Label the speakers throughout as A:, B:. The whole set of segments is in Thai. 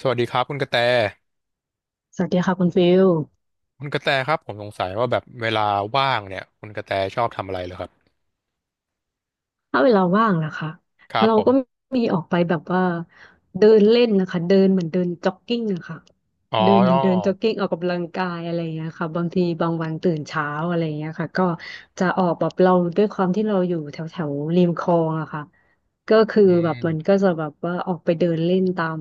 A: สวัสดีครับคุณกระแต
B: สวัสดีค่ะคุณฟิล
A: คุณกระแตครับผมสงสัยว่าแบบเวลาว่างเนี่ยคุณกระแตชอบทำอะไรเหรอครับ
B: ถ้าเวลาว่างนะคะ
A: ครับ
B: เรา
A: ผ
B: ก็
A: ม
B: มีออกไปแบบว่าเดินเล่นนะคะเดินเหมือนเดินจ็อกกิ้งอะค่ะ
A: อ๋อ
B: เดินเหมือนเดินจ็อกกิ้งออกกำลังกายอะไรอย่างเงี้ยค่ะบางทีบางวันตื่นเช้าอะไรอย่างเงี้ยค่ะก็จะออกแบบเราด้วยความที่เราอยู่แถวแถวริมคลองอะค่ะก็คือ
A: อื
B: แบบมัน
A: ม
B: ก็จะแบบว่าออกไปเดินเล่นตาม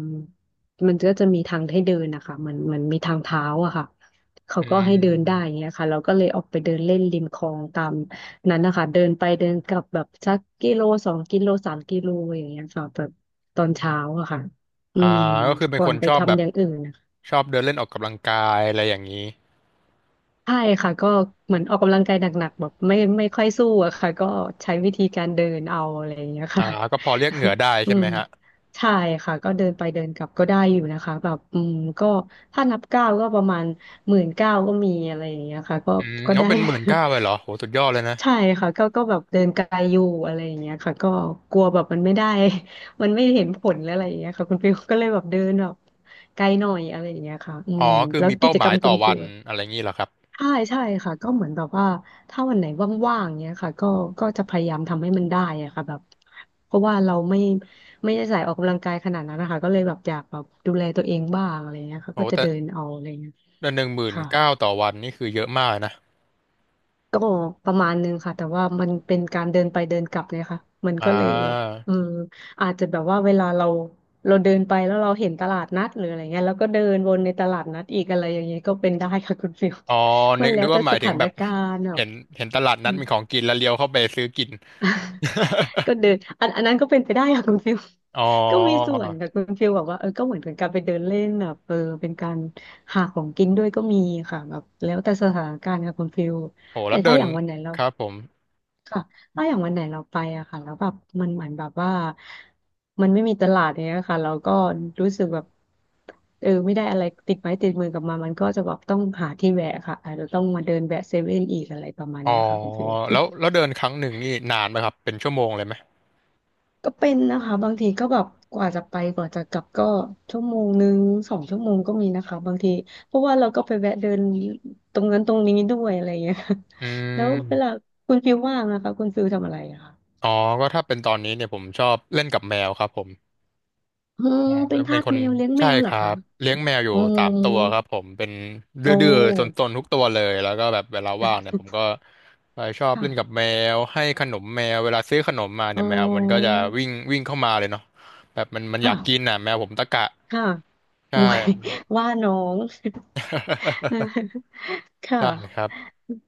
B: มันก็จะมีทางให้เดินนะคะมันมีทางเท้าอะค่ะเขา
A: อื
B: ก็ให้เดินได้อ
A: ม
B: ย่างเงี้ยค่ะเราก็เลยออกไปเดินเล่นริมคลองตาม นั้นนะคะเดินไปเดินกลับแบบสักกิโล2 กิโล3 กิโลอย่างเงี้ยค่ะแบบตอนเช้าอะค่ะอื
A: อ่า
B: ม
A: ก็คือเป็น
B: ก่อ
A: ค
B: น
A: น
B: ไป
A: ชอบแบ
B: ทำ
A: บ
B: อย่างอื่นนะคะ
A: ชอบเดินเล่นออกกำลังกายอะไรอย่างนี้
B: ใช่ค่ะก็เหมือนออกกำลังกายหนักๆแบบไม่ค่อยสู้อะค่ะก็ใช้วิธีการเดินเอาอะไรอย่างเงี้ย
A: อ่า
B: ค่ะ
A: ก็พอเรียกเหงื่อได้
B: อื
A: ใช่ไห
B: ม
A: มฮะ
B: ใช่ค่ะก็เดินไปเดินกลับก็ได้อยู่นะคะแบบอืมก็ถ้านับก้าวก็ประมาณ19,000ก็มีอะไรอย่างเงี้ยค่ะก็
A: อืม
B: ก็
A: เขา
B: ได้
A: เป็นหมื่นเก้าเลยเหรอโหสุดยอดเลยนะ
B: ใช่ค่ะก็แบบเดินไกลอยู่อะไรอย่างเงี้ยค่ะก็กลัวแบบมันไม่ได้ มันไม่เห็นผลอะไรอย่างเงี้ยค่ะคุณฟิลก็เลยแบบเดินแบบไกลหน่อยอะไรอย่างเงี้ยค่ะอื
A: อ๋
B: ม
A: อคือ
B: แล้ว
A: มี
B: กิ
A: เป้า
B: จ
A: ห
B: ก
A: มา
B: ร
A: ย
B: รม
A: ต่
B: คุ
A: อ
B: ณ
A: วั
B: ฟิล
A: นอะ
B: ล่ะ
A: ไรอย่างนี้เหรอครับ
B: ใช่ใช่ค่ะก็เหมือนแบบว่าถ้าวันไหนว่างๆเงี้ยค่ะก็จะพยายามทำให้มันได้อะค่ะแบบเพราะว่าเราไม่ได้ใส่ออกกำลังกายขนาดนั้นนะคะก็เลยแบบอยากแบบดูแลตัวเองบ้างอะไรอย่างเงี้ยค่ะ
A: โห
B: ก็จะ
A: แต่
B: เดินเอาอะไรอย่างเงี้ย
A: แต่หนึ่งหมื่น
B: ค่ะ
A: เก้าต่อวันนี่คือเยอะมากนะ
B: ก็ประมาณนึงค่ะแต่ว่ามันเป็นการเดินไปเดินกลับเนี่ยค่ะมัน
A: อ่า
B: ก็เลยแบบอืมอาจจะแบบว่าเวลาเราเดินไปแล้วเราเห็นตลาดนัดหรืออะไรเงี้ยแล้วก็เดินวนในตลาดนัดอีกอะไรอย่างเงี้ยก็เป็นได้ค่ะคุณฟิล
A: อ๋อ
B: มั
A: นึ
B: น
A: ก
B: แล้
A: นึ
B: ว
A: ก
B: แต่
A: ว่าห
B: ส
A: มายถึง
B: ถา
A: แบ
B: น
A: บ
B: การณ์อ่ะ
A: เห็นเห็นตลาด
B: อื
A: นัด
B: ม
A: มีของกินแล้วเลี้ยวเข้าไปซื้อกิน
B: ก็เดินอันนั้นก็เป็นไปได้ค่ะคุณฟิล
A: อ๋อ
B: ก็มีส่วนค่ะคุณฟิลบอกว่าเออก็เหมือนเป็นการไปเดินเล่นแบบเออเป็นการหาของกินด้วยก็มีค่ะแบบแล้วแต่สถานการณ์ค่ะคุณฟิล
A: โห
B: แต่
A: แล้วเดิ
B: ถ้าอ
A: น
B: ย่างวันไหนเรา
A: ครับผม
B: ค่ะถ้าอย่างวันไหนเราไปอะค่ะแล้วแบบมันเหมือนแบบว่ามันไม่มีตลาดเนี้ยค่ะเราก็รู้สึกแบบเออไม่ได้อะไรติดไม้ติดมือกลับมามันก็จะแบบต้องหาที่แวะค่ะอาจจะต้องมาเดินแวะเซเว่นอีกอะไรประมาณ
A: อ๋อ
B: เนี้ยค่ะคุณฟิล
A: แล้วเดินครั้งหนึ่งนี่นานไหมครับ เป็นชั่วโมงเลยไหม
B: ก็เป็นนะคะบางทีก็แบบกว่าจะไปกว่าจะกลับก็1 ชั่วโมง2 ชั่วโมงก็มีนะคะบางทีเพราะว่าเราก็ไปแวะเดินตรงนั้นตรงนี้ด้วยอะไรอย่างเงี้ยค่ะ
A: อื
B: แล้วเวลา
A: ม
B: คุณฟิลว่างนะคะคุณฟิลทำอะไรอะคะ
A: อ๋อ ก็ถ้าเป็นตอนนี้เนี่ยผมชอบเล่นกับแมวครับผม
B: เออเป็น
A: เป็
B: ทา
A: น
B: ส
A: คน
B: แมวเลี้ยงแม
A: ใช่
B: วเห
A: ค
B: รอ
A: รั
B: คะ
A: บเลี้ยงแมวอยู่
B: อ๋อ
A: สามตัวครับผมเป็น
B: โอ้
A: ดื้อๆซนๆทุกตัวเลยแล้วก็แบบเวลาว่างเนี่ยผมก็ไปชอบ
B: ค่ะ
A: เล่นกับแมวให้ขนมแมวเวลาซื้อขนมมา
B: อ๋
A: เนี่
B: อ
A: ยแมวมันก็จะวิ่งวิ่งเข้ามาเลยเนาะแบบมันมันอยากกิน
B: ค่ะ
A: น่ะแมวผมตะกะ
B: ค่ะ
A: ใช่
B: โอ้ยว่าน้อง ค่ะ
A: ใช่ครับ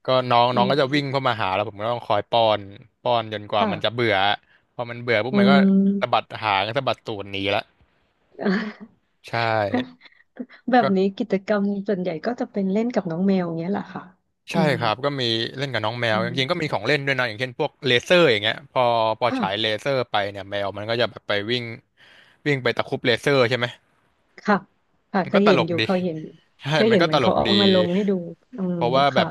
A: ก็น้อง
B: อื
A: น้องก็จะวิ่งเข้า
B: ม
A: มาหาแล้วผมก็ต้องคอยป้อนจนกว่ามันจะ
B: ค่ะ
A: เบื่อพอมันเบื่อปุ๊บ
B: อื
A: มันก็
B: ม
A: สะบัดหางสะบัดตูดหนีละ ใช่
B: แบบนี้กิจกรรมส่วนใหญ่ก็จะเป็นเล่นกับน้องแมวเงี้ยแหละค่ะอื
A: ใช่
B: ม
A: ครับก็มีเล่นกับน้องแม
B: อื
A: วจริงๆก็มีของเล่น
B: ม
A: ด้วยนะอย่างเช่นพวกเลเซอร์อย่างเงี้ยพอฉายเล
B: ค่ะ
A: เซอร์ไปเนี่ยแมวมันก็จะแบบไปวิ่งวิ่งไปตะครุบเลเซอร์ใช่ไหม
B: ค่ะค่ะ
A: มัน
B: เค
A: ก็
B: ย
A: ต
B: เห็
A: ล
B: น
A: ก
B: อยู่
A: ดี
B: เคยเห็นอยู่
A: ใช่
B: เคย
A: มัน
B: เห็น
A: ก็
B: เหมื
A: ต
B: อน
A: ล
B: เขา
A: กดี
B: เอามาลงให้ดูอืม
A: เพราะว่าแบ
B: ค่ะ
A: บ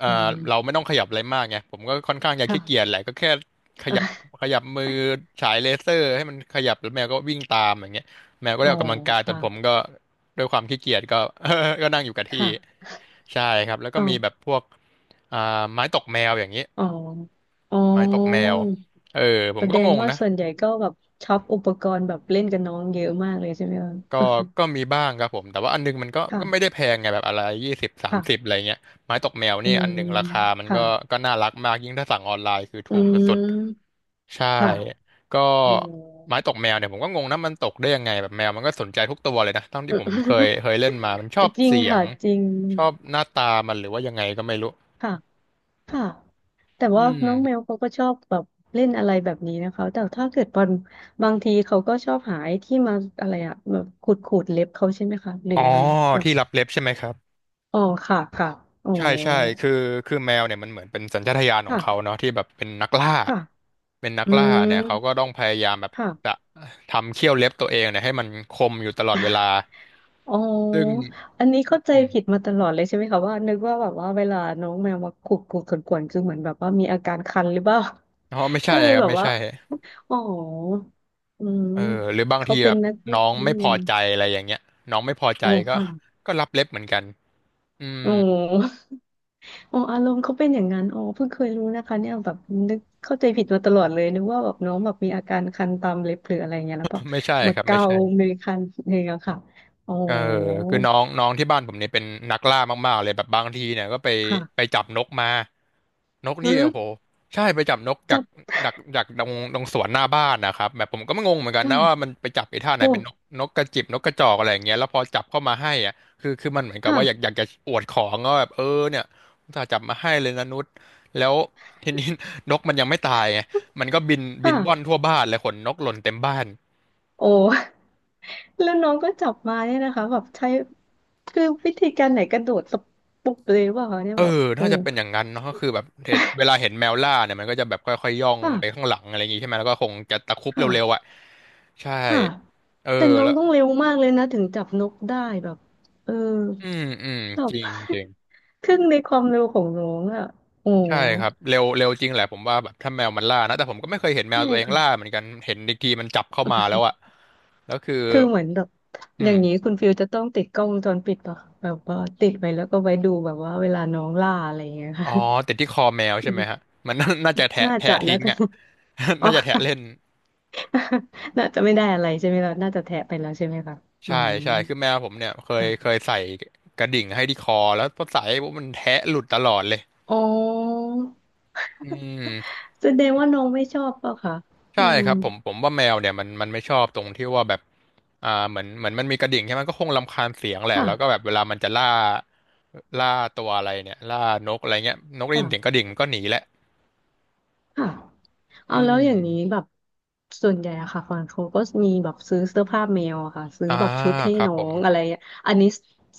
A: เอ่
B: อืม
A: อเราไม่ต้องขยับอะไรมากไงผมก็ค่อนข้างจะ
B: ค่ะ
A: ขี้เกียจแหละก็แค่ขยับข ยับมือฉายเลเซอร์ให้มันขยับแล้วแมวก็วิ่งตามอย่างเงี้ยแมวก็
B: อ๋
A: ได้
B: อ
A: ออกกำลังกายตอนผม
B: ค่ะ
A: ก็ด้วยความขี้เกียจก็ ก็นั่งอยู่กับที่
B: ค่ะ
A: ใช่ครับแล้วก็
B: อ๋อ
A: มีแบบพวกอ่าไม้ตกแมวอย่างเงี้ย
B: อ๋ออ๋อ
A: ไม้ตกแมวเออผม
B: แส
A: ก็
B: ด
A: ง
B: ง
A: ง
B: ว่า
A: นะ
B: ส่วนใหญ่ก็แบบช็อปอุปกรณ์แบบเล่นกับน้องเยอะมากเลยใช่ไหมคะ
A: ก็ก็มีบ้างครับผมแต่ว่าอันนึงมันก็ ไม่
B: ค่ะ
A: ได้แพงไงแบบอะไรยี่สิบสามสิบ
B: ค่ะ
A: อะไรเงี้ยไม้ตกแมว
B: อื
A: นี่
B: ม
A: อันหนึ่งราคามัน
B: ค่ะ
A: ก็ก็น่ารักมากยิ่งถ้าสั่งออนไลน์คือ
B: อื
A: ถูกสุด
B: ม
A: ๆใช่
B: ค่ะ
A: ก็
B: อืม
A: ไม้ตกแมวเนี่ยผมก็งงนะมันตกได้ยังไงแบบแมวมันก็สนใจทุกตัวเลยนะตั้งที่ผมเคย เคยเล่นมามันชอบ
B: จริง
A: เสีย
B: ค่ะ
A: ง
B: จริง
A: ชอบหน้าตามันหรือว่ายังไงก็ไม่รู้
B: ค่ะ ค่ะ แต่
A: อื
B: ว่า
A: ม
B: น้องแมวเขาก็ชอบแบบเล่นอะไรแบบนี้นะคะ แต่ถ้าเกิดบางทีเขาก็ชอบหาไอ้ที่มาอะไรอะแบบขูดขูดเล็บเขาใช่ไหมคะหรือ
A: อ๋อ
B: ยังไงแบบ
A: ที่รับเล็บใช่ไหมครับ
B: อ๋อค่ะค่ะอ๋อ
A: ใช่ใช่คือคือแมวเนี่ยมันเหมือนเป็นสัญชาตญาณของเขา
B: ค่ะ
A: เนาะที่แบบเป็นนักล่า
B: ค่ะ
A: เป็นนัก
B: อื
A: ล่าเนี่ยเขาก็
B: ม
A: ต้องพยายามแบบจะ
B: ค่ะ
A: ทำเขี้ยวเล็บตัวเองเนี่ยให้มันคมอยู่ตลอดเวลา
B: อ๋อ
A: ซึ่ง
B: อันนี้เข้าใจ
A: อืม
B: ผิดมาตลอดเลยใช่ไหมคะว่านึกว่าแบบว่าเวลาน้องแมวมาขูดขูดขวนๆคือเหมือนแบบว่ามีอาการคันหรือเปล่า
A: อ๋อไม่ ใช่
B: ก็เลย
A: ครับ
B: แบบ
A: ไม่
B: ว่า
A: ใช่
B: อ๋ออืม
A: เออหรือบาง
B: เขา
A: ที
B: เป็
A: แบ
B: น
A: บ
B: นักวิ่
A: น้อ
B: ง
A: ง
B: นี่
A: ไม่
B: เอ
A: พอ
B: ง
A: ใจอะไรอย่างเงี้ยน้องไม่พอใจ
B: อ๋อ
A: ก็
B: ค่ะ
A: ก็รับเล็บเหมือนกัน อืม
B: อ๋ออ๋ออารมณ์เขาเป็นอย่างนั้นอ๋อเพิ่งเคยรู้นะคะเนี่ยแบบนึกเข้าใจผิดมาตลอดเลยนึกว่าแบบน้องแบบมีอาการคันตามเล็บหรืออะไรเงี้ยแล้วก็
A: ไม่ใช่
B: มา
A: ครับไม่
B: เกา
A: ใช่
B: มือคันเอ่งเงค่ะอ๋อ
A: เออคือน้องน้องที่บ้านผมเนี่ยเป็นนักล่ามากๆเลยแบบบางทีเนี่ยก็ไป
B: ค่ะ
A: จับนกมานก
B: อื
A: นี่
B: ม
A: โอ้โหใช่ไปจับนกจา
B: จ
A: ก
B: ับ
A: จากตรงสวนหน้าบ้านนะครับแบบผมก็ไม่งงเหมือนกันนะว่า
B: ค่ะ
A: มันไปจับไอ้ท่าไหน
B: โอ้
A: เป็นนกนกกระจิบนกกระจอกอะไรอย่างเงี้ยแล้วพอจับเข้ามาให้อ่ะคือมันเหมือนกับว่าอยากอ
B: ค่ะ
A: ยากจะอวดของก็แบบเออเนี่ยอุตส่าห์จับมาให้เลยนะนุชแล้ว ทีนี้นกมันยังไม่ตายไงมันก็บินบินว่อน
B: ค่ะ
A: ทั่วบ้านเลยขนนกหล่นเต็มบ้าน
B: โอ้ แล้วน้องก็จับมาเนี่ยนะคะแบบใช้คือวิธีการไหนกระโดดสปุบเลยว่าคะเนี่ย
A: เออ
B: แบบโอ้
A: น่าจะเป็นอย่างนั้นเนาะก็คือแบบเห็นเวลาเห็นแมวล่าเนี่ยมันก็จะแบบค่อยๆย่องไปข้า
B: ค่ะ
A: งหลังอะไรอย่างงี้ใช่ไหมแล้วก็คงจะตะครุบ
B: ค
A: เร็วๆอ่ะ
B: ่ะ
A: ใช่
B: ค่ะ
A: เออ
B: แต่น้อง
A: แล้ว
B: ต้องเร็วมากเลยนะถึงจับนกได้แบบเออ
A: อืมอืม
B: แบ
A: จ
B: บ
A: ริงจริง
B: ครึ่งในความเร็วของน้องอ่ะโอ้
A: ใช่ครับเร็วเร็วจริงแหละผมว่าแบบถ้าแมวมันล่านะแต่ผมก็ไม่เคยเห็นแมว
B: ใช่
A: ตัวเองล่า
B: ค่ะ
A: เหมือนกันเห็นอีกทีมันจับเข้ามาแล้วอ่ะแล้วคือ
B: คือเหมือนแบบ
A: อื
B: อ
A: ม
B: ย่างนี้คุณฟิลจะต้องติดกล้องวงจรปิดป่ะแบบว่าติดไว้แล้วก็ไว้ดูแบบว่าเวลาน้องล่าอะไรอย่างเงี้ย
A: อ๋
B: ค่ะ
A: อติดที่คอแมวใช่ไหมฮะมันน่าจะแทะ
B: น่า
A: แทะ
B: จะนะ
A: ทิ้ง
B: คะ
A: อ่ะ
B: อ๋อ
A: น่าจะแทะเล่น
B: น่าจะไม่ได้อะไรใช่ไหมเราน่าจะแทะไปแล้วใช่ไหมคะอื
A: ใช่
B: ม
A: ใช่คือแมวผมเนี่ยเคยเค
B: ค่ะ
A: ยใส่กระดิ่งให้ที่คอแล้วพอใส่ปุ๊บมันแทะหลุดตลอดเลย
B: อ๋อ
A: อืม
B: แสดงว่าน้องไม่ชอบเปล่ะคะอื
A: ใช่
B: ม
A: ครับผมว่าแมวเนี่ยมันไม่ชอบตรงที่ว่าแบบเหมือนมันมีกระดิ่งใช่ไหมก็คงรำคาญเสียงแหละแล้วก็แบ
B: ค่ะ
A: บเวลามันจะล่าตัวอะไรเนี่ยล่านกอะไรเงี้ยนกได้ยินเสียงกระ
B: ค่ะ
A: ดิ่งมันก็หนีแหละ
B: ค่ะเอา
A: อื
B: แล้ว
A: ม
B: อย่างนี้แบบส่วนใหญ่อะค่ะฟอนเขาก็มีแบบซื้อเสื้อผ้าแมวอะค่ะซื้อ
A: อ่า
B: แบบชุดให้
A: ครับ
B: น้อ
A: ผม
B: งอะไรอะ่อันนี้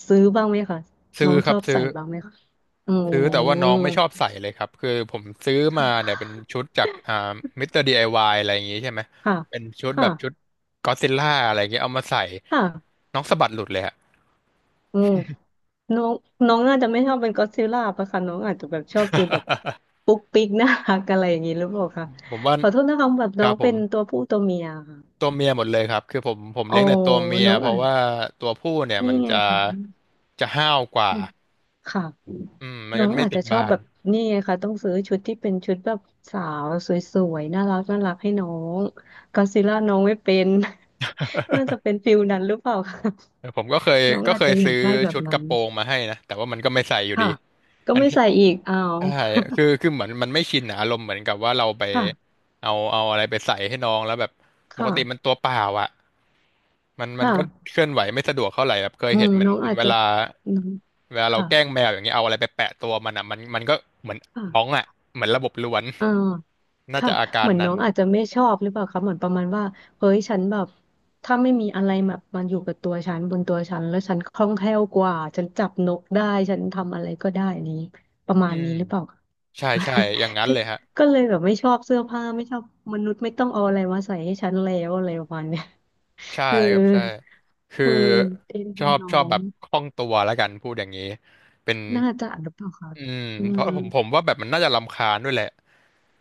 B: ซื้อบ้างไหมคะ
A: ซื้
B: น้
A: อ
B: อง
A: ค
B: ช
A: รั
B: อ
A: บ
B: บ
A: ซื้อ
B: ใส่บ้างไหมคะอื
A: ซื้อแต่ว่าน้องไม่
B: ม
A: ชอบใส่เลยครับคือผมซื้อ
B: ค่
A: มาเนี่ยเป็น
B: ะ
A: ชุดจากมิสเตอร์ดีไอวายอะไรอย่างงี้ใช่ไหม
B: ค่ะ
A: เป็นชุดแบ
B: ค่ะ
A: บชุดก็อดซิลล่าอะไรอย่างเงี้ยเอามาใส่
B: ค่ะ
A: น้องสะบัดหลุดเลยฮะ
B: อืมน้องน้องน่าจะไม่ชอบเป็นก็อดซิลล่าปะคะน้องอาจจะแบบชอบฟีลแบบ ปุ๊กปิ๊กน่ารักอะไรอย่างนี้หรือเปล่าคะ
A: ผมว่า
B: ขอโทษนะคะแบบ
A: ค
B: น้อ
A: รับ
B: ง
A: ผ
B: เป็
A: ม
B: นตัวผู้ตัวเมียค่ะ
A: ตัวเมียหมดเลยครับคือผม
B: อ๋อ
A: เลี้ยงแต่ตัวเมีย
B: น้อง
A: เพ
B: อ่า
A: ราะ
B: น
A: ว่าตัวผู้เนี่ย
B: นี่
A: มัน
B: ไง
A: จะ
B: ค่ะ
A: จะห้าวกว่า
B: อืมค่ะ
A: อืมมัน
B: น้
A: ก็
B: อง
A: ไม่
B: อาจ
A: ติ
B: จะ
A: ด
B: ชอบ
A: บ้า
B: แบ
A: น
B: บ นี่ไงค่ะต้องซื้อชุดที่เป็นชุดแบบสาวสวยๆน่ารักน่ารักให้น้องก็อดซิลล่าน้องไม่เป็น น่าจะเป็นฟิลนั้นหรือเปล่าคะ
A: ผมก็เคย
B: น้อง
A: ก็
B: อา
A: เค
B: จ
A: ย
B: จะอยา
A: ซื้อ
B: กได้แบบ
A: ชุดก
B: นั้
A: ระ
B: น
A: โปรงมาให้นะแต่ว่ามันก็ไม่ใส่อยู่ดี
B: ค่ะก็
A: อัน
B: ไม่
A: นี้
B: ใส่อีกอ้าว
A: ใช่คือเหมือนมันไม่ชินนะอารมณ์เหมือนกับว่าเราไป
B: ค่ะ
A: เอาอะไรไปใส่ให้น้องแล้วแบบ
B: ค
A: ปกติมัน
B: ่ะ
A: ตัวเปล่าอ่ะมัน
B: ค่ะ
A: ก็เคลื่อนไหวไม่สะดวกเท่าไหร่แบบเคย
B: อื
A: เห็
B: ม
A: นมัน
B: น้องอาจ
A: เว
B: จะ
A: ลา
B: น้อง
A: เวลาเรา
B: ค่ะ
A: แกล้งแมวอย่างเงี้ยเอาอะไรไปแปะตัวมันอะมันก็เหมือน
B: ค่ะ
A: ร้องอะเหมือนระบบล้วน
B: อ่า
A: น่า
B: ค่ะ
A: จะอากา
B: เห
A: ร
B: มือน
A: นั้
B: น้อ
A: น
B: งอาจจะไม่ชอบหรือเปล่าคะเหมือนประมาณว่าเฮ้ยฉันแบบถ้าไม่มีอะไรแบบมันอยู่กับตัวฉันบนตัวฉันแล้วฉันคล่องแคล่วกว่าฉันจับนกได้ ฉันทำอะไรก็ได้นี้ประมา
A: อื
B: ณ
A: ม
B: นี้หรือเปล่าคะ
A: ใช่ใช่ อย่างนั้ น
B: ก็
A: เลยฮะ
B: ก็เลยแบบไม่ชอบเสื้อผ้าไม่ชอบมนุษย์ไม่ต้องเอาอะไรมาใส่ให้ฉันแล้วอะไรประมาณเนี้ย
A: ใช่
B: เออ
A: ครับใช่คือ
B: เออเอ็น
A: ช
B: ดู
A: อบ
B: น้อ
A: ชอบแบ
B: ง
A: บคล่องตัวแล้วกันพูดอย่างนี้เป็น
B: น่าจะหรือเปล่าคะ
A: อืม
B: อื
A: เพราะ
B: ม
A: ผมว่าแบบมันน่าจะรำคาญด้วยแหละ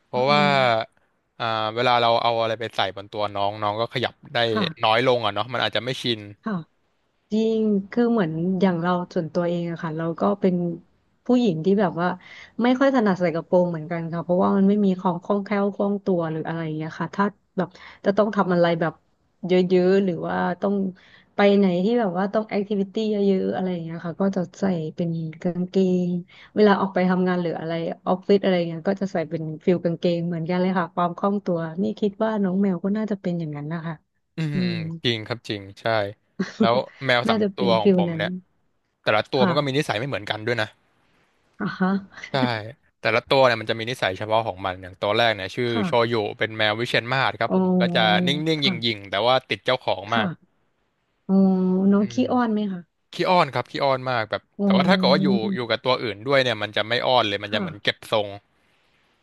A: เพ
B: อื
A: ราะว่า
B: ม
A: อ่าเวลาเราเอาอะไรไปใส่บนตัวน้องน้องก็ขยับได้
B: ค่ะ
A: น้อยลงอ่ะเนาะมันอาจจะไม่ชิน
B: ค่ะจริงคือเหมือนอย่างเราส่วนตัวเองอะค่ะเราก็เป็นผู้หญิงที่แบบว่าไม่ค่อยถนัดใส่กระโปรงเหมือนกันค่ะเพราะว่ามันไม่มีความคล่องแคล่วคล่องตัวหรืออะไรอย่างเงี้ยค่ะถ้าแบบจะต้องทำอะไรแบบเยอะๆหรือว่าต้องไปไหนที่แบบว่าต้องแอคทิวิตี้เยอะๆอะไรอย่างเงี้ยค่ะก็จะใส่เป็นกางเกงเวลาออกไปทำงานหรืออะไรออฟฟิศอะไรเงี้ยก็จะใส่เป็นฟิลกางเกงเหมือนกันเลยค่ะความคล่องตัวนี่คิดว่าน้องแมวก็น่าจะเป็นอย่างนั้นนะคะ
A: อืม
B: อื
A: อืม
B: ม
A: จริงครับจริงใช่แล้ว แมวสา
B: น่า
A: ม
B: จะ
A: ตั
B: เป็
A: ว
B: น
A: ของ
B: ฟิล
A: ผม
B: นั้น
A: เนี่ยแต่ละตัวมั
B: ค่ะ
A: นก็มีนิสัยไม่เหมือนกันด้วยนะ
B: อ่ะฮะ
A: ใช่แต่ละตัวเนี่ยมันจะมีนิสัยเฉพาะของมันอย่างตัวแรกเนี่ยชื่อ
B: ค่ะ
A: โชยุเป็นแมววิเชียรมาศครับ
B: อ๋
A: ผมก็จะ
B: อ
A: นิ่งๆห
B: ค่ะ
A: ยิ่งๆแต่ว่าติดเจ้าของมาก
B: ค่ะอ๋อน้อง
A: อื
B: ขี้
A: ม
B: อ้อนไหมคะ
A: ขี้อ้อนครับขี้อ้อนมากแบบ
B: อ๋อ
A: แต่ว่าถ้าเกิดว่าอยู่กับตัวอื่นด้วยเนี่ยมันจะไม่อ้อนเลยมันจะเหมือนเก็
B: ค่ะ
A: บทรง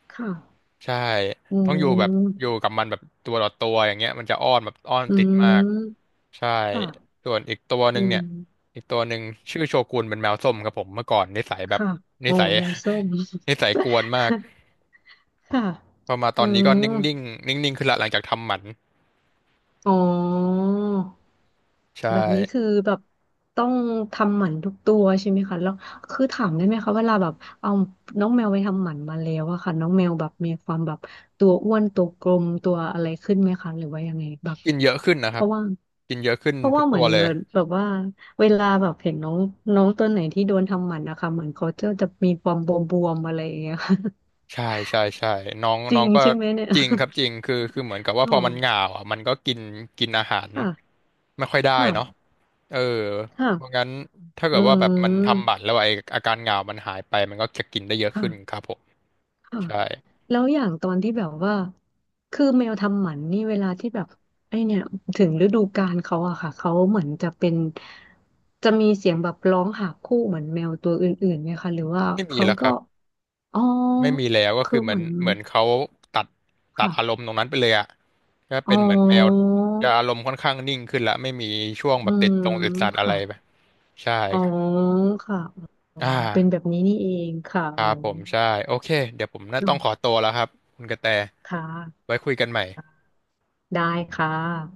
B: ค่ะ
A: ใช่
B: อื
A: ต้องอยู่แบบอยู่
B: ม
A: กับมันแบบตัวต่อตัวอย่างเงี้ยมันจะอ้อนแบบอ้อน
B: อื
A: ติดมาก
B: ม
A: ใช่
B: ค่ะ
A: ส่วนอีกตัวห
B: อื
A: นึ่ง
B: ม
A: เนี่ยอีกตัวหนึ่งชื่อโชกุนเป็นแมวส้มครับผมเมื่อก่อนนิสัยแบบ
B: ค่ะ
A: นิ
B: อ๋อ
A: สัย
B: แมวส้ม
A: นิสัยกวนมาก
B: ค่ะ
A: พอมาต
B: อื
A: อนนี้ก็
B: ม
A: นิ่งนิ่งๆขึ้นละหลังจากทำหมัน
B: อ๋อ
A: ใช่
B: แบบนี้คือแบบต้องทำหมันทุกตัวใช่ไหมคะแล้วคือถามได้ไหมคะเวลาแบบเอาน้องแมวไปทำหมันมาแล้วอะค่ะน้องแมวแบบมีความแบบตัวอ้วนตัวกลมตัวอะไรขึ้นไหมคะหรือว่ายังไงแบบ
A: กินเยอะขึ้นนะ
B: เพ
A: ครับ
B: ราะว่า
A: กินเยอะขึ้นทุก
B: เหมื
A: ตั
B: อ
A: ว
B: น
A: เลย
B: แบบว่าเวลาแบบเห็นน้องน้องตัวไหนที่โดนทำหมันนะคะเหมือนเขาจะมีความบวมๆอะไรอย่างเงี้ย
A: ใช่ใช่ใช่น้อง
B: จ
A: น้
B: ริ
A: อ
B: ง
A: งก็
B: ใช่ไหมเนี่ย
A: จริงครับจริง คือเหมือนกับ ว่า
B: อ๋อ
A: พอมันเหงาอ่ะมันก็กินกินอาหาร
B: ค่ะ
A: ไม่ค่อยได้เนาะ
B: ค่ะ
A: เออเพราะ
B: ค่ะ
A: งั้นถ้าเกิ
B: อื
A: ดว่าแบบมันทำ
B: ม
A: บัตรแล้วไออาการเหงามันหายไปมันก็จะกินได้เยอะขึ้นค
B: ค่ะ
A: รับผม
B: ค่ะ
A: ใช่
B: แล้วอย่างตอนที่แบบว่าคือแมวทำหมันนี่เวลาที่แบบไอเนี่ยถึงฤดูกาลเขาอะค่ะเขาเหมือนจะเป็นจะมีเสียงแบบร้องหาคู่เหมือนแมวตัวอื่นๆไหมคะหรือว่า
A: ไม่มี
B: เขา
A: แล้วค
B: ก็
A: รับ
B: อ๋อ
A: ไม่มีแล้วก็
B: คื
A: คื
B: อ
A: อเห
B: เห
A: มือ
B: มื
A: น
B: อน
A: เหมือนเขาตัดตัดอาร
B: ค่ะ
A: มณ์ตรงนั้นไปเลยอะก็
B: อ๋
A: เป็นเหมือนแมว
B: อ
A: จะอารมณ์ค่อนข้างนิ่งขึ้นละไม่มีช่วง
B: อื
A: แบบติด
B: ม
A: ตรงติดสัตว์อะไร
B: ค่ะ
A: ไปใช่
B: อ๋อ
A: ครับ
B: ค่ะอ๋อ
A: อ่า
B: เป็นแบบนี้นี่เองค่ะ
A: ค
B: อ
A: รับผมใช่โอเคเดี๋ยวผมน่า
B: ๋อ
A: ต้องขอตัวแล้วครับคุณกระแต
B: ค่ะ
A: ไว้คุยกันใหม่
B: ได้ค่ะ